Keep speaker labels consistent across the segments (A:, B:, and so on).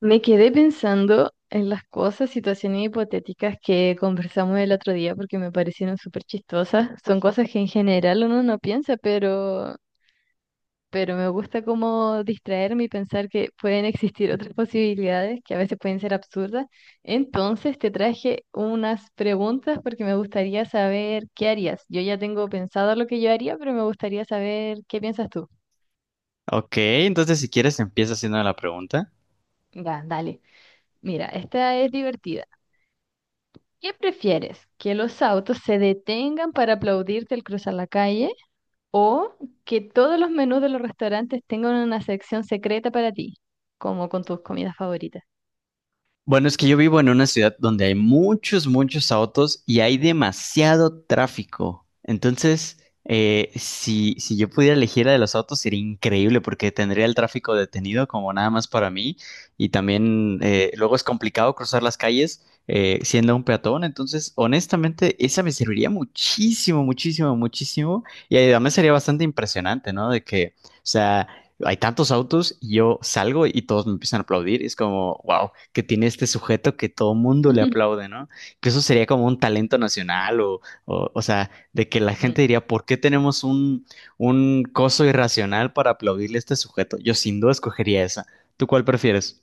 A: Me quedé pensando en las cosas, situaciones hipotéticas que conversamos el otro día porque me parecieron súper chistosas. Son cosas que en general uno no piensa, pero me gusta como distraerme y pensar que pueden existir otras posibilidades que a veces pueden ser absurdas. Entonces te traje unas preguntas porque me gustaría saber qué harías. Yo ya tengo pensado lo que yo haría, pero me gustaría saber qué piensas tú.
B: Ok, entonces si quieres empieza haciendo la pregunta.
A: Ya, dale. Mira, esta es divertida. ¿Qué prefieres? ¿Que los autos se detengan para aplaudirte al cruzar la calle o que todos los menús de los restaurantes tengan una sección secreta para ti, como con tus comidas favoritas?
B: Bueno, es que yo vivo en una ciudad donde hay muchos autos y hay demasiado tráfico. Entonces, si yo pudiera elegir la de los autos sería increíble porque tendría el tráfico detenido como nada más para mí y también luego es complicado cruzar las calles siendo un peatón. Entonces, honestamente, esa me serviría muchísimo, muchísimo, muchísimo, y además sería bastante impresionante, ¿no? De que... O sea, hay tantos autos y yo salgo y todos me empiezan a aplaudir. Y es como, wow, que tiene este sujeto que todo mundo le aplaude, ¿no? Que eso sería como un talento nacional, o sea, de que la gente diría, ¿por qué tenemos un coso irracional para aplaudirle a este sujeto? Yo sin duda escogería esa. ¿Tú cuál prefieres?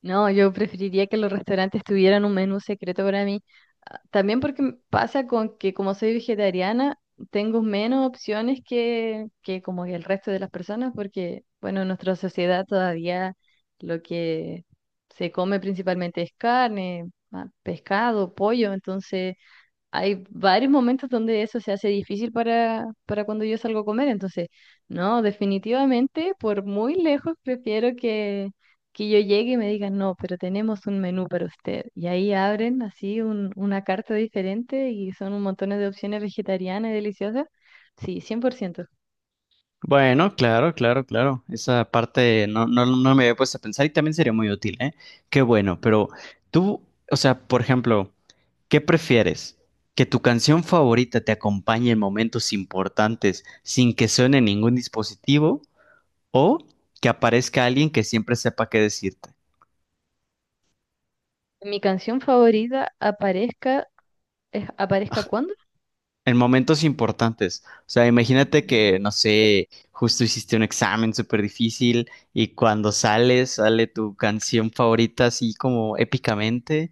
A: No, yo preferiría que los restaurantes tuvieran un menú secreto para mí. Ah, también porque pasa con que como soy vegetariana, tengo menos opciones que como que el resto de las personas, porque bueno, en nuestra sociedad todavía lo que se come principalmente es carne, ah, pescado, pollo, entonces hay varios momentos donde eso se hace difícil para cuando yo salgo a comer. Entonces, no, definitivamente, por muy lejos, prefiero que yo llegue y me digan, no, pero tenemos un menú para usted. Y ahí abren así una carta diferente y son un montón de opciones vegetarianas y deliciosas. Sí, 100%.
B: Bueno, claro. Esa parte no me había puesto a pensar y también sería muy útil, ¿eh? Qué bueno, pero tú, o sea, por ejemplo, ¿qué prefieres? ¿Que tu canción favorita te acompañe en momentos importantes sin que suene ningún dispositivo? ¿O que aparezca alguien que siempre sepa qué decirte?
A: Mi canción favorita aparezca, ¿aparezca cuándo?
B: En momentos importantes. O sea, imagínate
A: Mm.
B: que, no sé, justo hiciste un examen súper difícil y cuando sales, sale tu canción favorita así como épicamente.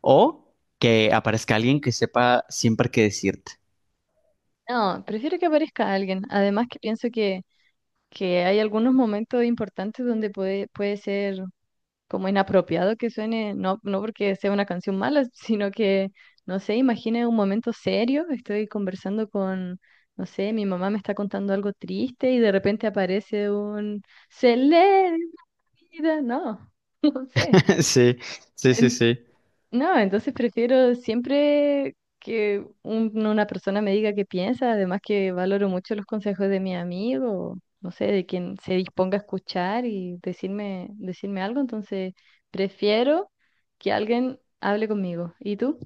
B: O que aparezca alguien que sepa siempre qué decirte.
A: No, prefiero que aparezca alguien. Además que pienso que hay algunos momentos importantes donde puede ser como inapropiado que suene, no, no porque sea una canción mala, sino que, no sé, imagine un momento serio, estoy conversando con, no sé, mi mamá me está contando algo triste y de repente aparece un celebridad, no, no sé.
B: Sí, sí, sí, sí.
A: No, entonces prefiero siempre que una persona me diga qué piensa, además que valoro mucho los consejos de mi amigo, no sé, de quien se disponga a escuchar y decirme, algo, entonces prefiero que alguien hable conmigo. ¿Y tú?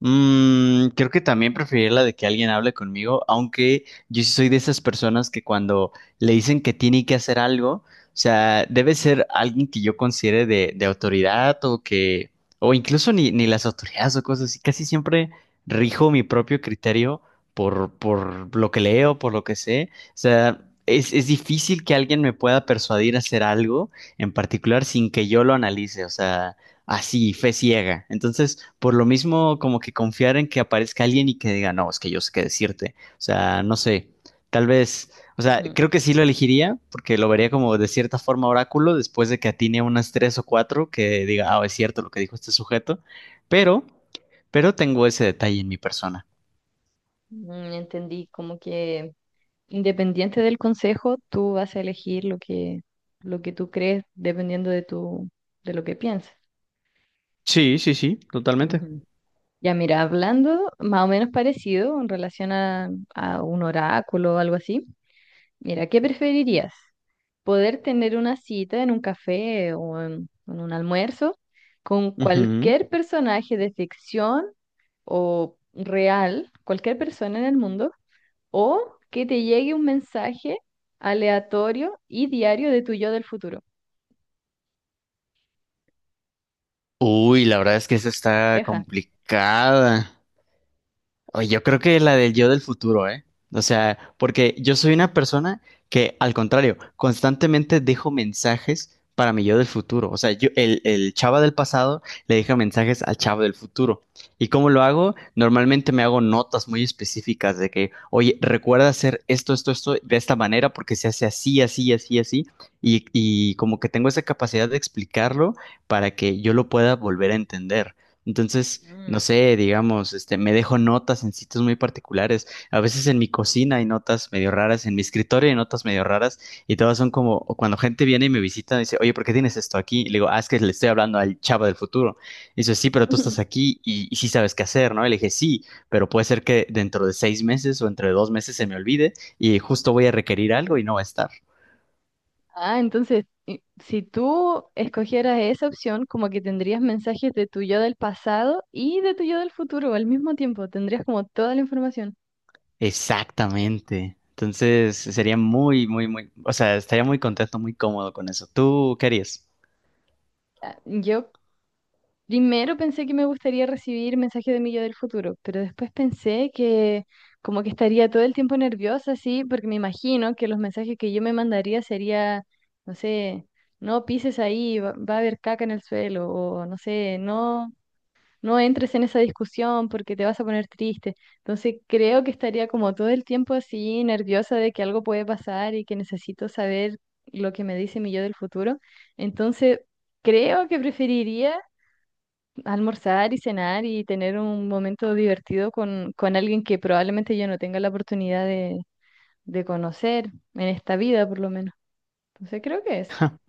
B: Creo que también preferiría la de que alguien hable conmigo, aunque yo sí soy de esas personas que cuando le dicen que tiene que hacer algo, o sea, debe ser alguien que yo considere de autoridad o que, o incluso ni las autoridades o cosas así, casi siempre rijo mi propio criterio por lo que leo, por lo que sé. O sea, es difícil que alguien me pueda persuadir a hacer algo en particular sin que yo lo analice, o sea así, fe ciega. Entonces, por lo mismo, como que confiar en que aparezca alguien y que diga, no, es que yo sé qué decirte. O sea, no sé, tal vez, o sea,
A: Ujú.
B: creo que sí lo elegiría porque lo vería como de cierta forma oráculo después de que atine unas tres o cuatro que diga, ah, es cierto lo que dijo este sujeto, pero, pero tengo ese detalle en mi persona.
A: Mm, entendí, como que independiente del consejo, tú vas a elegir lo que tú crees dependiendo de de lo que pienses.
B: Sí, sí, sí, totalmente.
A: Ya mira, hablando más o menos parecido en relación a un oráculo o algo así, mira, ¿qué preferirías? ¿Poder tener una cita en un café o en un almuerzo con
B: Ujú.
A: cualquier personaje de ficción o real, cualquier persona en el mundo, o que te llegue un mensaje aleatorio y diario de tu yo del futuro?
B: Uy, la verdad es que esa está
A: Leja.
B: complicada. Oye, yo creo que la del yo del futuro, ¿eh? O sea, porque yo soy una persona que, al contrario, constantemente dejo mensajes para mi yo del futuro. O sea, yo, el chava del pasado le deja mensajes al chavo del futuro. ¿Y cómo lo hago? Normalmente me hago notas muy específicas de que, oye, recuerda hacer esto, esto, esto de esta manera porque se hace así, así, así, así. Y como que tengo esa capacidad de explicarlo para que yo lo pueda volver a entender. Entonces, no
A: Mm.
B: sé, digamos, este, me dejo notas en sitios muy particulares. A veces en mi cocina hay notas medio raras, en mi escritorio hay notas medio raras, y todas son como o cuando gente viene y me visita, dice, oye, ¿por qué tienes esto aquí? Y le digo, ah, es que le estoy hablando al chavo del futuro. Y dice, sí, pero tú estás aquí y sí sabes qué hacer, ¿no? Y le dije, sí, pero puede ser que dentro de 6 meses o entre 2 meses se me olvide y justo voy a requerir algo y no va a estar.
A: Ah, entonces, si tú escogieras esa opción, como que tendrías mensajes de tu yo del pasado y de tu yo del futuro al mismo tiempo, tendrías como toda la información.
B: Exactamente. Entonces sería muy, muy, muy, o sea, estaría muy contento, muy cómodo con eso. ¿Tú qué harías?
A: Ah, yo primero pensé que me gustaría recibir mensajes de mi yo del futuro, pero después pensé que como que estaría todo el tiempo nerviosa, así, porque me imagino que los mensajes que yo me mandaría sería, no sé, no pises ahí, va a haber caca en el suelo, o no sé, no entres en esa discusión porque te vas a poner triste. Entonces creo que estaría como todo el tiempo así nerviosa de que algo puede pasar y que necesito saber lo que me dice mi yo del futuro. Entonces creo que preferiría almorzar y cenar y tener un momento divertido con alguien que probablemente yo no tenga la oportunidad de conocer en esta vida por lo menos. Entonces creo que es.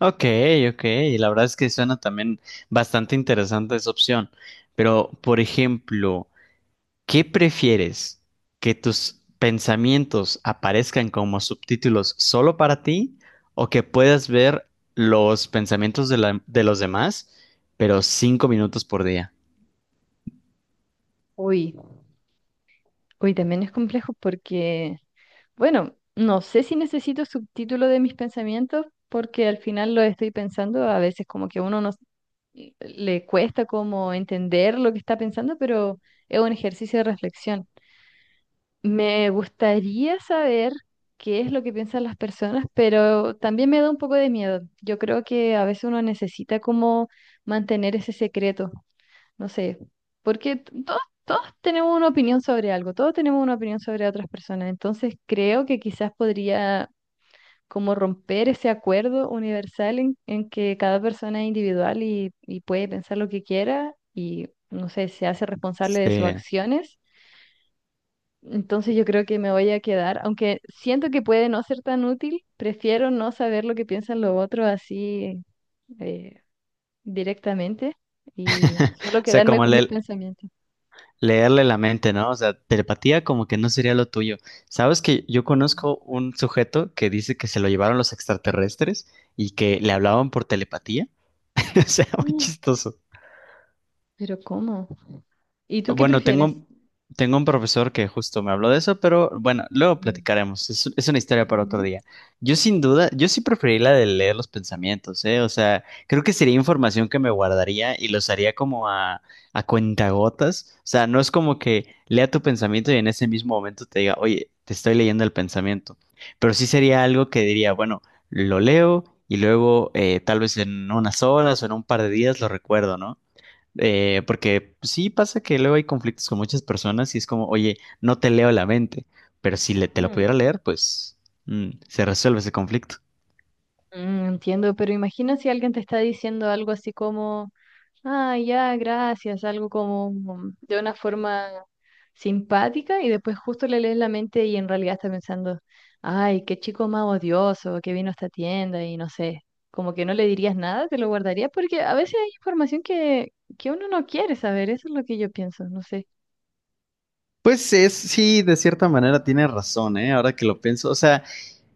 B: Ok, ok, y la verdad es que suena también bastante interesante esa opción. Pero, por ejemplo, ¿qué prefieres? ¿Que tus pensamientos aparezcan como subtítulos solo para ti o que puedas ver los pensamientos de, de los demás, pero 5 minutos por día?
A: Uy, uy, también es complejo porque bueno, no sé si necesito subtítulo de mis pensamientos porque al final lo estoy pensando, a veces como que uno no s- le cuesta como entender lo que está pensando, pero es un ejercicio de reflexión. Me gustaría saber qué es lo que piensan las personas, pero también me da un poco de miedo. Yo creo que a veces uno necesita como mantener ese secreto, no sé, porque todos tenemos una opinión sobre algo, todos tenemos una opinión sobre otras personas, entonces creo que quizás podría como romper ese acuerdo universal en que cada persona es individual y puede pensar lo que quiera y, no sé, se hace responsable de sus
B: Sí.
A: acciones. Entonces yo creo que me voy a quedar, aunque siento que puede no ser tan útil, prefiero no saber lo que piensan los otros así eh, directamente y solo
B: O sea,
A: quedarme
B: como
A: con mis
B: el
A: pensamientos.
B: leerle la mente, ¿no? O sea, telepatía como que no sería lo tuyo. Sabes que yo conozco un sujeto que dice que se lo llevaron los extraterrestres y que le hablaban por telepatía. O sea, muy
A: Mm,
B: chistoso.
A: pero ¿cómo? ¿Y tú qué
B: Bueno,
A: prefieres?
B: tengo un profesor que justo me habló de eso, pero bueno, luego
A: Mm,
B: platicaremos. Es una historia para otro
A: ujú.
B: día. Yo sin duda, yo sí preferiría la de leer los pensamientos, ¿eh? O sea, creo que sería información que me guardaría y los haría como a cuentagotas. O sea, no es como que lea tu pensamiento y en ese mismo momento te diga, oye, te estoy leyendo el pensamiento. Pero sí sería algo que diría, bueno, lo leo y luego tal vez en unas horas o en un par de días lo recuerdo, ¿no? Porque sí pasa que luego hay conflictos con muchas personas y es como, oye, no te leo la mente, pero si le- te la
A: Ujú.
B: pudiera leer, pues mm, se resuelve ese conflicto.
A: Mm, entiendo, pero imagina si alguien te está diciendo algo así como, ah, ya, gracias, algo como mm, de una forma simpática y después justo le lees la mente y en realidad está pensando, ay, qué chico más odioso que vino a esta tienda y no sé, como que no le dirías nada, te lo guardarías porque a veces hay información que uno no quiere saber, eso es lo que yo pienso, no sé.
B: Pues es, sí, de cierta manera tiene razón, ¿eh? Ahora que lo pienso, o sea,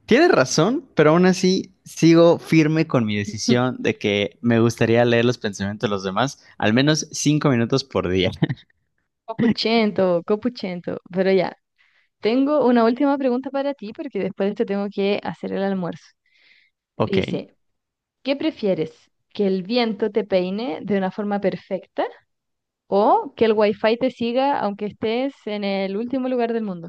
B: tiene razón, pero aún así sigo firme con mi decisión de que me gustaría leer los pensamientos de los demás al menos 5 minutos por día.
A: Copuchento, copuchento, pero ya, tengo una última pregunta para ti porque después de esto tengo que hacer el almuerzo.
B: Ok.
A: Dice, ¿qué prefieres? ¿Que el viento te peine de una forma perfecta o que el wifi te siga aunque estés en el último lugar del mundo?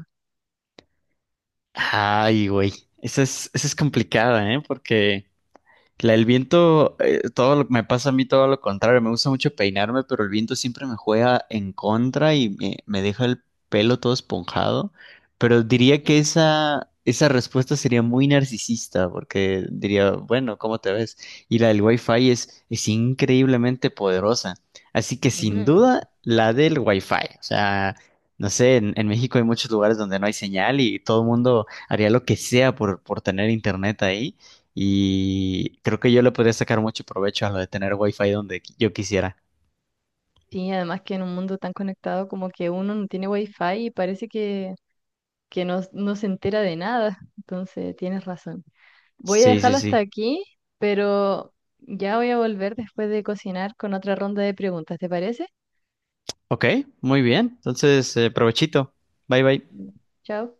B: Ay, güey, esa es complicada, ¿eh? Porque... La, el viento, todo lo, me pasa a mí todo lo contrario. Me gusta mucho peinarme, pero el viento siempre me juega en contra y me deja el pelo todo esponjado. Pero diría que
A: Mm.
B: esa respuesta sería muy narcisista, porque diría, bueno, ¿cómo te ves? Y la del Wi-Fi es increíblemente poderosa. Así que sin
A: Ujú.
B: duda, la del Wi-Fi. O sea, no sé, en México hay muchos lugares donde no hay señal y todo el mundo haría lo que sea por tener internet ahí. Y creo que yo le podría sacar mucho provecho a lo de tener wifi donde yo quisiera.
A: Sí, además que en un mundo tan conectado como que uno no tiene wifi y parece que no, no se entera de nada. Entonces, tienes razón. Voy a
B: Sí, sí,
A: dejarlo hasta
B: sí.
A: aquí, pero ya voy a volver después de cocinar con otra ronda de preguntas, ¿te parece?
B: Ok, muy bien. Entonces, provechito. Bye, bye.
A: Mm. Chao.